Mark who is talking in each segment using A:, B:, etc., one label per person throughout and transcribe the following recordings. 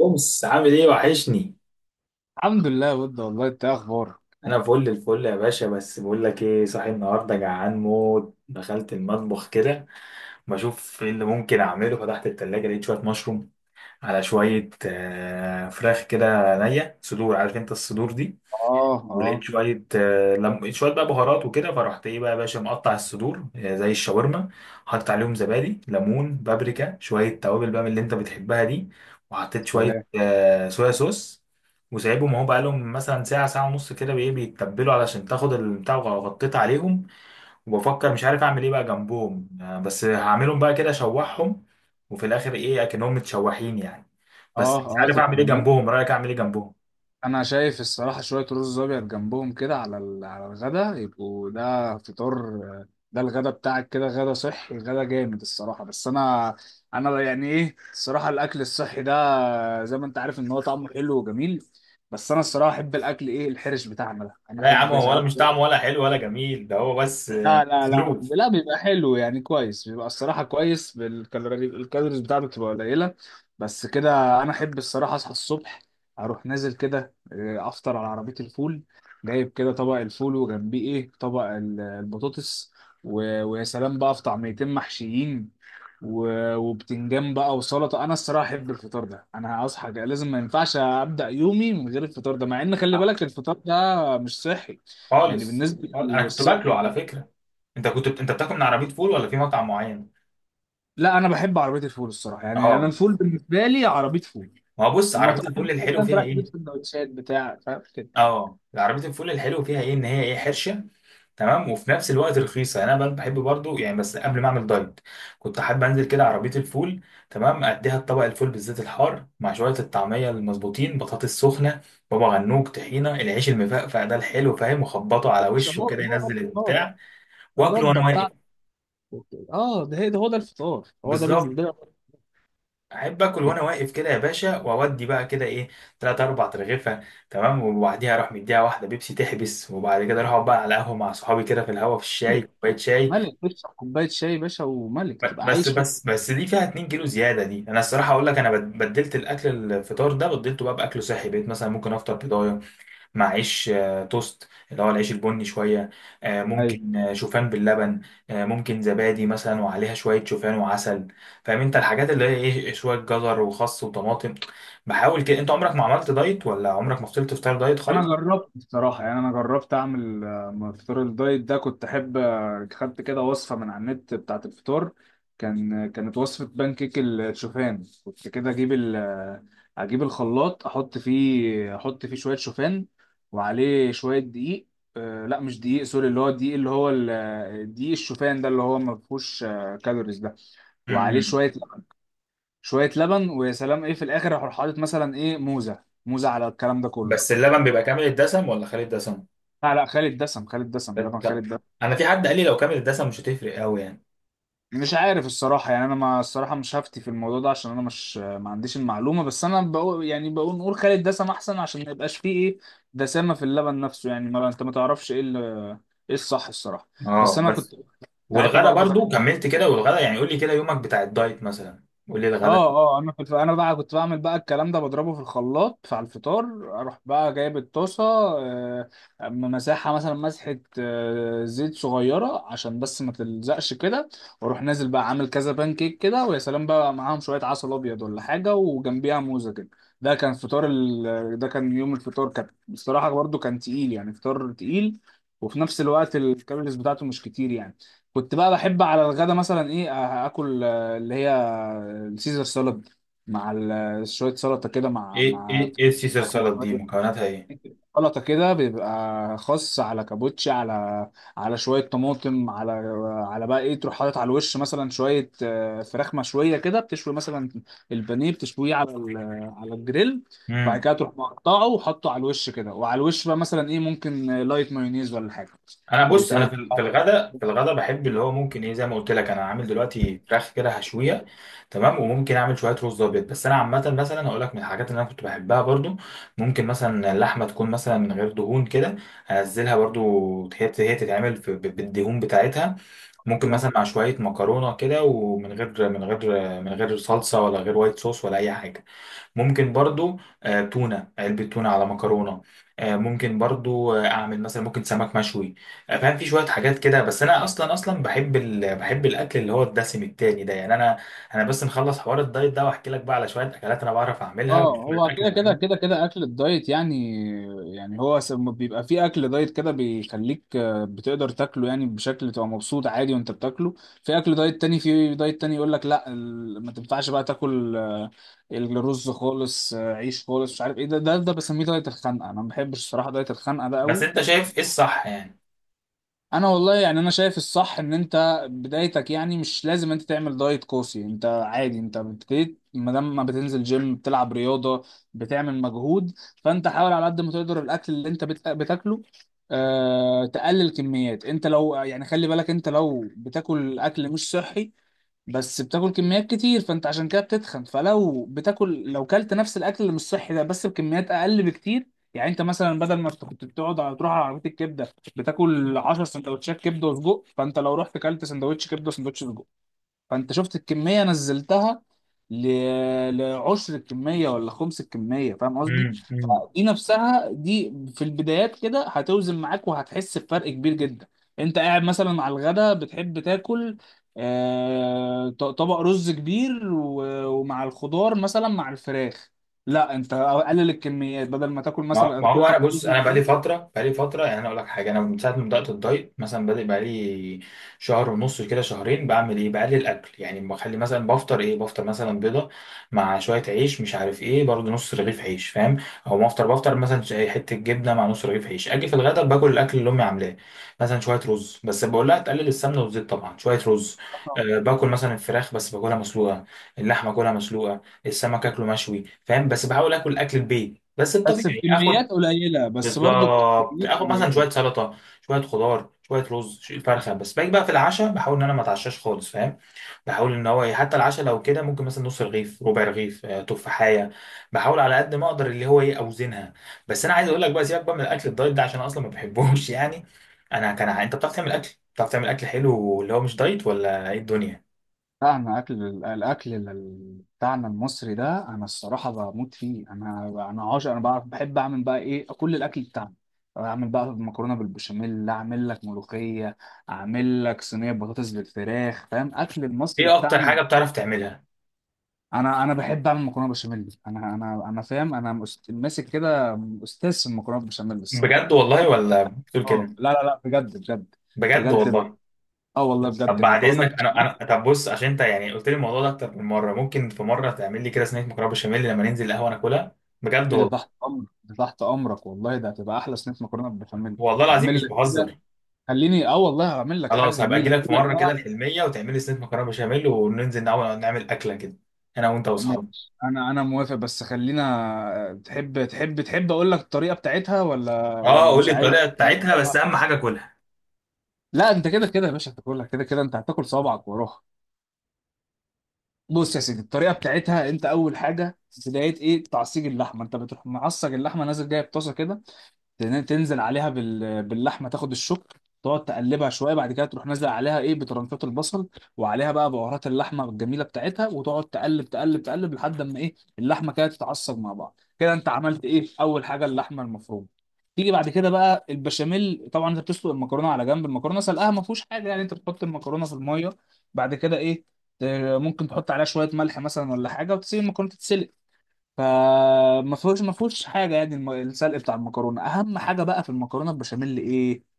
A: أمس عامل إيه؟ وحشني.
B: الحمد لله يا ود. والله انت ايه اخبارك؟
A: أنا فل الفل يا باشا، بس بقول لك إيه، صاحي النهاردة جعان موت، دخلت المطبخ كده بشوف إيه اللي ممكن أعمله. فتحت التلاجة لقيت شوية مشروم على شوية فراخ كده نية، صدور، عارف أنت الصدور دي.
B: اه،
A: ولقيت
B: اه.
A: شوية آه، لم... لقيت شوية بقى بهارات وكده. فرحت ايه بقى يا باشا، مقطع الصدور زي الشاورما، حاطط عليهم زبادي ليمون بابريكا شوية توابل بقى من اللي انت بتحبها دي، وحطيت شوية
B: سلام.
A: صويا صوص. وسايبهم اهو، بقالهم مثلا ساعة، ساعة ونص كده، بإيه؟ بيتبلوا علشان تاخد البتاع، وغطيت عليهم. وبفكر مش عارف أعمل إيه بقى جنبهم. بس هعملهم بقى كده، أشوحهم، وفي الآخر إيه، أكنهم متشوحين يعني. بس
B: اه،
A: مش
B: اه،
A: عارف
B: تبقى
A: أعمل إيه
B: جميل.
A: جنبهم. رأيك أعمل إيه جنبهم؟
B: انا شايف الصراحه شويه رز ابيض جنبهم كده على الغدا، يبقوا ده فطار. ده الغدا بتاعك كده، غدا صحي، غدا جامد الصراحه. بس انا انا يعني ايه الصراحه الاكل الصحي ده، زي ما انت عارف ان هو طعمه حلو وجميل. بس انا الصراحه احب الاكل ايه، الحرش بتاعنا ده انا
A: لا يا عم،
B: احب
A: هو ولا
B: ساعات.
A: مش طعمه ولا حلو ولا جميل، ده هو بس
B: لا لا لا
A: سلوف.
B: لا، بيبقى حلو يعني، كويس، بيبقى الصراحة كويس، الكالوريز بتاعته بتبقى قليلة. بس كده أنا أحب الصراحة أصحى الصبح، أروح نازل كده، أفطر على عربية الفول. جايب كده طبق الفول وجنبيه إيه، طبق البطاطس، ويا سلام بقى، في طعميتين محشيين و- وبتنجان بقى وسلطة. أنا الصراحة أحب الفطار ده، أنا هصحى كده، لازم، ما ينفعش أبدأ يومي من غير الفطار ده، مع إن خلي بالك الفطار ده مش صحي. يعني
A: خالص
B: بالنسبة
A: خالص. انا كنت باكله
B: للصحي،
A: على فكره. انت بتاكل من عربيه فول ولا في مطعم معين؟
B: لا انا بحب عربيه الفول الصراحه، يعني انا
A: اه،
B: الفول بالنسبه لي عربيه فول.
A: ما هو بص، عربيه
B: المطاعم دي
A: الفول
B: كده
A: الحلو
B: انت
A: فيها
B: رايح تجيب
A: ايه؟
B: سندوتشات بتاع، فاهم كده،
A: اه، العربية الفول الحلو فيها ايه؟ ان هي ايه؟ حرشة، تمام، وفي نفس الوقت رخيصة يعني. انا بحب برضو يعني، بس قبل ما اعمل دايت كنت حابب انزل كده عربية الفول، تمام. اديها الطبق الفول بالزيت الحار مع شوية الطعمية المظبوطين، بطاطس سخنة، بابا غنوج، طحينة، العيش المفقفع ده الحلو، فاهم، وخبطه على
B: مش
A: وشه
B: هو
A: كده
B: هو ده
A: ينزل
B: الفطار،
A: البتاع، واكله
B: الرده
A: وانا
B: بتاعته.
A: واقف.
B: اه، ده هي ده، هو ده الفطار، هو ده
A: بالظبط،
B: بالنسبه لي.
A: احب اكل
B: يا
A: وانا واقف كده يا باشا، واودي بقى كده ايه، تلات اربع ترغيفه. تمام، وبعديها اروح مديها واحده بيبسي تحبس، وبعد كده اروح اقعد بقى على قهوه مع صحابي كده في الهوا، في الشاي،
B: ملك،
A: كوبايه شاي.
B: ملك تشرب كوبايه شاي يا باشا، وملك
A: ب-
B: تبقى
A: بس
B: عايش،
A: بس بس دي فيها 2 كيلو زياده دي. انا الصراحه اقول لك، انا بدلت الاكل الفطار ده، بدلته بقى باكل صحي. بقيت مثلا ممكن افطر بيضايه مع عيش توست، اللي هو العيش البني شوية،
B: ملك.
A: ممكن شوفان باللبن، ممكن زبادي مثلا وعليها شوية شوفان وعسل، فاهم انت، الحاجات اللي هي ايه، شوية جزر وخس وطماطم. بحاول كده. انت عمرك ما عملت دايت، ولا عمرك ما فضلت تفطر دايت
B: انا
A: خالص؟
B: جربت بصراحه، يعني انا جربت اعمل فطار الدايت ده، كنت احب، خدت كده وصفه من على النت بتاعه الفطار. كانت وصفه بانكيك الشوفان، كنت كده اجيب ال آه، اجيب الخلاط، احط فيه شويه شوفان، وعليه شويه دقيق. لا مش دقيق، سوري، اللي هو الدقيق اللي هو دقيق الشوفان ده، اللي هو ما فيهوش كالوريز ده، وعليه
A: امم
B: شويه لبن ويا سلام، ايه، في الاخر اروح حاطط مثلا ايه، موزه، موزه على الكلام ده
A: بس
B: كله.
A: اللبن بيبقى كامل الدسم ولا خالي الدسم؟
B: لا لا، خالد دسم، خالد دسم، لبن خالد
A: لا.
B: دسم.
A: انا في حد قال لي لو كامل الدسم مش هتفرق قوي يعني.
B: مش عارف الصراحة، يعني أنا ما الصراحة مش هفتي في الموضوع ده عشان أنا مش، ما عنديش المعلومة. بس أنا بقول يعني، بقول نقول خالد دسم أحسن عشان ما يبقاش فيه إيه، دسامة في اللبن نفسه، يعني ما أنت ما تعرفش إيه إيه الصح الصراحة.
A: اه
B: بس أنا
A: بس.
B: كنت ساعتها
A: والغدا
B: باخده
A: برضو
B: خالد.
A: كملت كده، والغدا يعني، قول لي كده يومك بتاع الدايت مثلا. قول لي الغدا.
B: اه، اه. انا كنت، انا بقى كنت بعمل بقى الكلام ده، بضربه في الخلاط على الفطار. اروح بقى جايب الطاسه، آه، مساحه مثلا، مسحه زيت صغيره، عشان بس ما تلزقش كده، واروح نازل بقى عامل كذا بان كيك كده، ويا سلام بقى، معاهم شويه عسل ابيض ولا حاجه، وجنبيها موزه كده. ده كان فطار ال... آه، ده كان يوم الفطار، كان بصراحه برضو كان تقيل، يعني فطار تقيل، وفي نفس الوقت الكالوريز بتاعته مش كتير يعني. كنت بقى بحب على الغدا مثلا ايه، اكل اللي هي السيزر سالاد، مع شوية سلطة كده، مع
A: ايه
B: مع
A: ايه ايه السيسر
B: فراخ
A: سالاد دي
B: مشوية.
A: مكوناتها ايه؟
B: سلطة كده بيبقى خاص، على كابوتشي، على شوية طماطم، على، على بقى ايه، تروح حاطط على الوش مثلا شوية فراخ مشوية كده، بتشوي مثلا البانيه، بتشويه على على الجريل، بعد
A: امم
B: كده تروح مقطعه وحطه على الوش كده، وعلى الوش بقى مثلا ايه، ممكن لايت مايونيز ولا حاجة.
A: انا بص، انا في
B: بتبقى
A: الغداء في الغداء بحب اللي هو ممكن ايه، زي ما قلت لك انا عامل دلوقتي فراخ كده، هشويه، تمام. وممكن اعمل شويه رز ابيض. بس انا عامه مثلا هقول لك من الحاجات اللي انا كنت بحبها برضو، ممكن مثلا اللحمه تكون مثلا من غير دهون كده، انزلها برضو، هي هي تتعمل بالدهون بتاعتها. ممكن مثلا مع شوية مكرونة كده، ومن غير من غير من غير صلصة، ولا غير وايت صوص، ولا أي حاجة. ممكن برضو تونة، علبة تونة على مكرونة. ممكن برضو أعمل مثلا ممكن سمك مشوي. فاهم، في شوية حاجات كده. بس أنا أصلا أصلا بحب بحب الأكل اللي هو الدسم التاني ده يعني. أنا بس نخلص حوار الدايت ده، وأحكي لك بقى على شوية أكلات أنا بعرف أعملها،
B: اه،
A: وشوية
B: هو
A: أكل
B: كده كده كده
A: بحبه.
B: كده اكل الدايت يعني، يعني هو بيبقى فيه اكل دايت كده بيخليك بتقدر تاكله يعني، بشكل تبقى مبسوط عادي وانت بتاكله. في اكل دايت تاني، في دايت تاني يقول لك لا ما تنفعش بقى تاكل الرز خالص، عيش خالص، مش عارف ايه، ده ده ده بسميه دايت الخنقه. انا ما بحبش الصراحه دايت الخنقه ده قوي.
A: بس أنت شايف إيه الصح يعني؟
B: انا والله يعني، انا شايف الصح ان انت بدايتك يعني مش لازم انت تعمل دايت قاسي. انت عادي، انت بتبتدي، ما دام ما بتنزل جيم، بتلعب رياضه، بتعمل مجهود، فانت حاول على قد ما تقدر الاكل اللي انت بتاكله، تقلل كميات. انت لو، يعني خلي بالك، انت لو بتاكل اكل مش صحي بس بتاكل كميات كتير، فانت عشان كده بتتخن. فلو بتاكل، لو كلت نفس الاكل اللي مش صحي ده بس بكميات اقل بكتير، يعني انت مثلا بدل ما كنت بتقعد على، تروح على عربيه الكبده، بتاكل 10 سندوتشات كبده وسجق، فانت لو رحت كلت سندوتش كبده وسندوتش سجق، فانت شفت الكميه نزلتها ل... لعشر الكميه، ولا خمس الكميه، فاهم قصدي؟ فدي نفسها دي في البدايات كده هتوزن معاك، وهتحس بفرق كبير جدا. انت قاعد مثلا على الغدا بتحب تاكل طبق رز كبير و... ومع الخضار مثلا، مع الفراخ، لا، انت قلل الكميات، بدل ما تاكل
A: ما
B: مثلا
A: ما
B: تاكل
A: هو انا
B: طبق
A: بص،
B: رز
A: انا بقالي
B: كبير،
A: فتره، بقالي فتره يعني، انا اقول لك حاجه. انا من ساعه ما بدات الدايت مثلا، بادئ بقالي شهر ونص كده، شهرين، بعمل ايه؟ بقلل الاكل يعني. بخلي مثلا بفطر ايه، بفطر مثلا بيضه مع شويه عيش، مش عارف ايه، برضه نص رغيف عيش، فاهم. او ما افطر، بفطر مثلا حته جبنه مع نص رغيف عيش. اجي في الغدا باكل الاكل اللي امي عاملاه، مثلا شويه رز، بس بقول لها تقلل السمنه والزيت طبعا، شويه رز. أه، باكل مثلا الفراخ بس باكلها مسلوقه، اللحمه كلها مسلوقه، السمك اكله مشوي، فاهم، بس بحاول اكل اكل البيت بس،
B: بس في
A: الطبيعي، اخد.
B: كميات قليله، بس برضو
A: بالظبط،
B: الكميات
A: اخد مثلا
B: قليله.
A: شويه سلطه، شويه خضار، شويه رز، شوية فرخه، بس باجي بقى في العشاء بحاول ان انا ما اتعشاش خالص، فاهم. بحاول ان هو إيه، حتى العشاء لو كده ممكن مثلا نص رغيف، ربع رغيف، تفاحيه. بحاول على قد ما اقدر اللي هو ايه، اوزنها. بس انا عايز اقول لك بقى، سيبك بقى من الاكل الدايت ده، عشان أنا اصلا ما بحبوش يعني. انت بتعرف تعمل اكل؟ بتعرف تعمل اكل حلو اللي هو مش دايت ولا ايه الدنيا؟
B: لا انا اكل الاكل بتاعنا المصري ده انا الصراحه بموت فيه. انا انا عاشق، انا بعرف، بحب اعمل بقى ايه كل الاكل بتاعنا. اعمل بقى مكرونه بالبشاميل، اعمل لك ملوخيه، اعمل لك صينيه بطاطس بالفراخ، فاهم، اكل المصري
A: ايه اكتر
B: بتاعنا.
A: حاجه بتعرف تعملها؟
B: انا انا بحب اعمل مكرونه بشاميل. انا فاهم انا، ماسك كده استاذ في المكرونه بالبشاميل الصراحه.
A: بجد والله، ولا بتقول كده؟
B: اه، لا لا لا، بجد، بجد،
A: بجد
B: بجد.
A: والله؟
B: اه والله بجد
A: طب بعد
B: المكرونه.
A: اذنك، انا انا طب بص، عشان انت يعني قلت لي الموضوع ده اكتر من مره، ممكن في مره تعمل لي كده صينيه مكرونه بشاميل لما ننزل القهوه ناكلها؟ بجد
B: ايه ده،
A: والله.
B: تحت امرك، ده تحت امرك والله، ده هتبقى احلى صينيه مكرونه بالبشاميل.
A: والله العظيم
B: هعمل
A: مش
B: لك كده،
A: بهزر.
B: خليني، اه والله هعمل لك حاجه
A: خلاص، هبقى
B: جميله،
A: اجي
B: اقول
A: لك في
B: لك
A: مره كده
B: بقى.
A: الحلميه، وتعمل لي صينيه مكرونه بشاميل، وننزل نعمل اكله كده، انا وانت واصحابي.
B: ماشي، انا موافق، بس خلينا، تحب اقول لك الطريقه بتاعتها ولا
A: اه،
B: ولا
A: قول
B: مش
A: لي
B: عايز؟
A: الطريقه بتاعتها بس، اهم حاجه كلها.
B: لا انت كده كده يا باشا هتاكلها، كده كده انت هتاكل صوابعك وراها. بص يا سيدي الطريقه بتاعتها، انت اول حاجه بدايه ايه، تعصيج اللحمه. انت بتروح معصج اللحمه، نازل جايب طاسه كده، تنزل عليها باللحمه، تاخد الشوك، تقعد تقلبها شويه، بعد كده تروح نازل عليها ايه، بترنفات البصل، وعليها بقى بهارات اللحمه الجميله بتاعتها، وتقعد تقلب تقلب تقلب، لحد ما ايه اللحمه كده تتعصب مع بعض كده. انت عملت ايه اول حاجه، اللحمه المفرومه. تيجي بعد كده بقى البشاميل، طبعا انت بتسلق المكرونه على جنب. المكرونه سلقها ما فيهوش حاجه يعني، انت بتحط المكرونه في الميه، بعد كده ايه، ت- ممكن تحط عليها شويه ملح مثلا ولا حاجه، وتسيب المكرونه تتسلق. فما فيهوش، ما فيهوش حاجه يعني، السلق بتاع المكرونه. اهم حاجه بقى في المكرونه البشاميل ايه،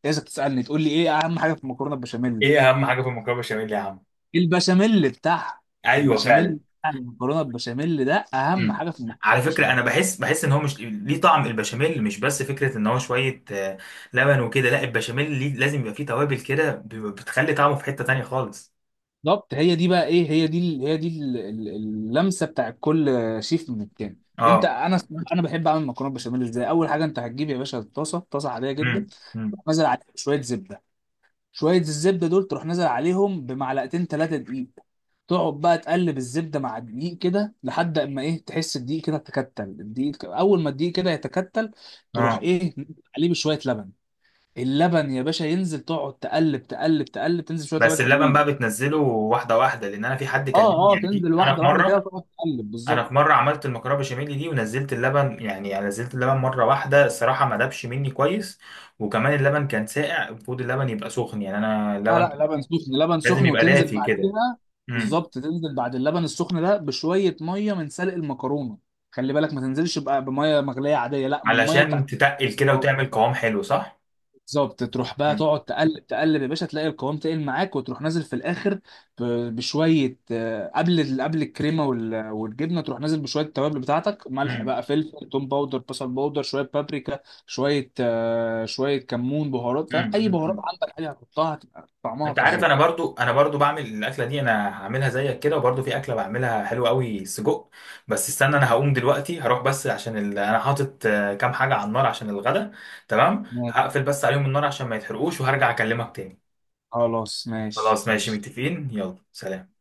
B: إيه اذا بتسالني تقول لي ايه اهم حاجه في المكرونه البشاميل؟
A: ايه اهم حاجه في المكرونه بشاميل يا عم؟
B: البشاميل بتاعها،
A: ايوه
B: البشاميل
A: فعلا.
B: بتاع المكرونه، البشاميل ده اهم
A: مم.
B: حاجه في المكرونه
A: على فكرة،
B: البشاميل.
A: أنا بحس، إن هو مش ليه طعم البشاميل، مش بس فكرة إن هو شوية لبن وكده، لا، البشاميل ليه لازم يبقى فيه توابل كده، بتخلي طعمه في حتة تانية خالص.
B: بالظبط، هي دي بقى ايه، هي دي اللمسه بتاع كل شيف من التاني. انت
A: أه.
B: انا انا بحب اعمل مكرونه بشاميل ازاي، اول حاجه انت هتجيب يا باشا الطاسه، طاسه عاديه جدا،
A: مم. مم.
B: تروح نازل عليها شويه زبده. شويه الزبده دول تروح نازل عليهم بمعلقتين ثلاثه دقيق، تقعد بقى تقلب الزبده مع الدقيق كده لحد اما ايه، تحس الدقيق كده تكتل الدقيق. اول ما الدقيق كده يتكتل، تروح
A: أه،
B: ايه عليه بشويه لبن. اللبن يا باشا ينزل تقعد تقلب تقلب تقلب، تنزل شويه لبن
A: بس اللبن بقى
B: حلوين.
A: بتنزله واحدة واحدة، لأن أنا في حد
B: اه،
A: كلمني
B: اه،
A: يعني، في
B: تنزل
A: أنا
B: واحده
A: في
B: واحده كده،
A: مرة
B: تقعد تقلب
A: أنا
B: بالظبط.
A: في مرة عملت المكرونة بشاميل دي ونزلت اللبن، يعني يعني نزلت اللبن مرة واحدة الصراحة، ما دابش مني كويس. وكمان اللبن كان ساقع، المفروض اللبن يبقى سخن يعني، أنا
B: لا
A: اللبن
B: لا، لبن سخن، لبن
A: لازم
B: سخن،
A: يبقى
B: وتنزل
A: دافي كده.
B: بعديها. بالظبط، تنزل بعد اللبن السخن ده بشويه ميه من سلق المكرونه. خلي بالك ما تنزلش بقى بميه مغليه عاديه، لا، من الميه
A: علشان
B: بتاعت.
A: تتقل كده وتعمل قوام حلو، صح؟
B: بالظبط، تروح بقى
A: مم.
B: تقعد تقلب تقلب يا باشا، تلاقي القوام تقل معاك، وتروح نازل في الاخر ب- بشويه، قبل قبل الكريمه وال- والجبنه، تروح نازل بشويه التوابل بتاعتك، ملح
A: مم.
B: بقى، فلفل، توم باودر، بصل باودر، شويه بابريكا، شويه كمون، بهارات،
A: مم.
B: فاهم، اي
A: مم.
B: بهارات
A: مم.
B: عندك حاجه هتحطها هتبقى طعمها
A: انت عارف،
B: فظيع.
A: انا برضو بعمل الاكله دي، انا هعملها زيك كده، وبرضو في اكله بعملها حلوه قوي، سجق. بس استنى، انا هقوم دلوقتي هروح بس، عشان انا حاطط كام حاجه على النار عشان الغدا، تمام.
B: ماشي.
A: هقفل بس عليهم النار عشان ما يتحرقوش، وهرجع اكلمك تاني.
B: خلاص، ماشي
A: خلاص ماشي
B: ماشي.
A: متفقين، يلا سلام.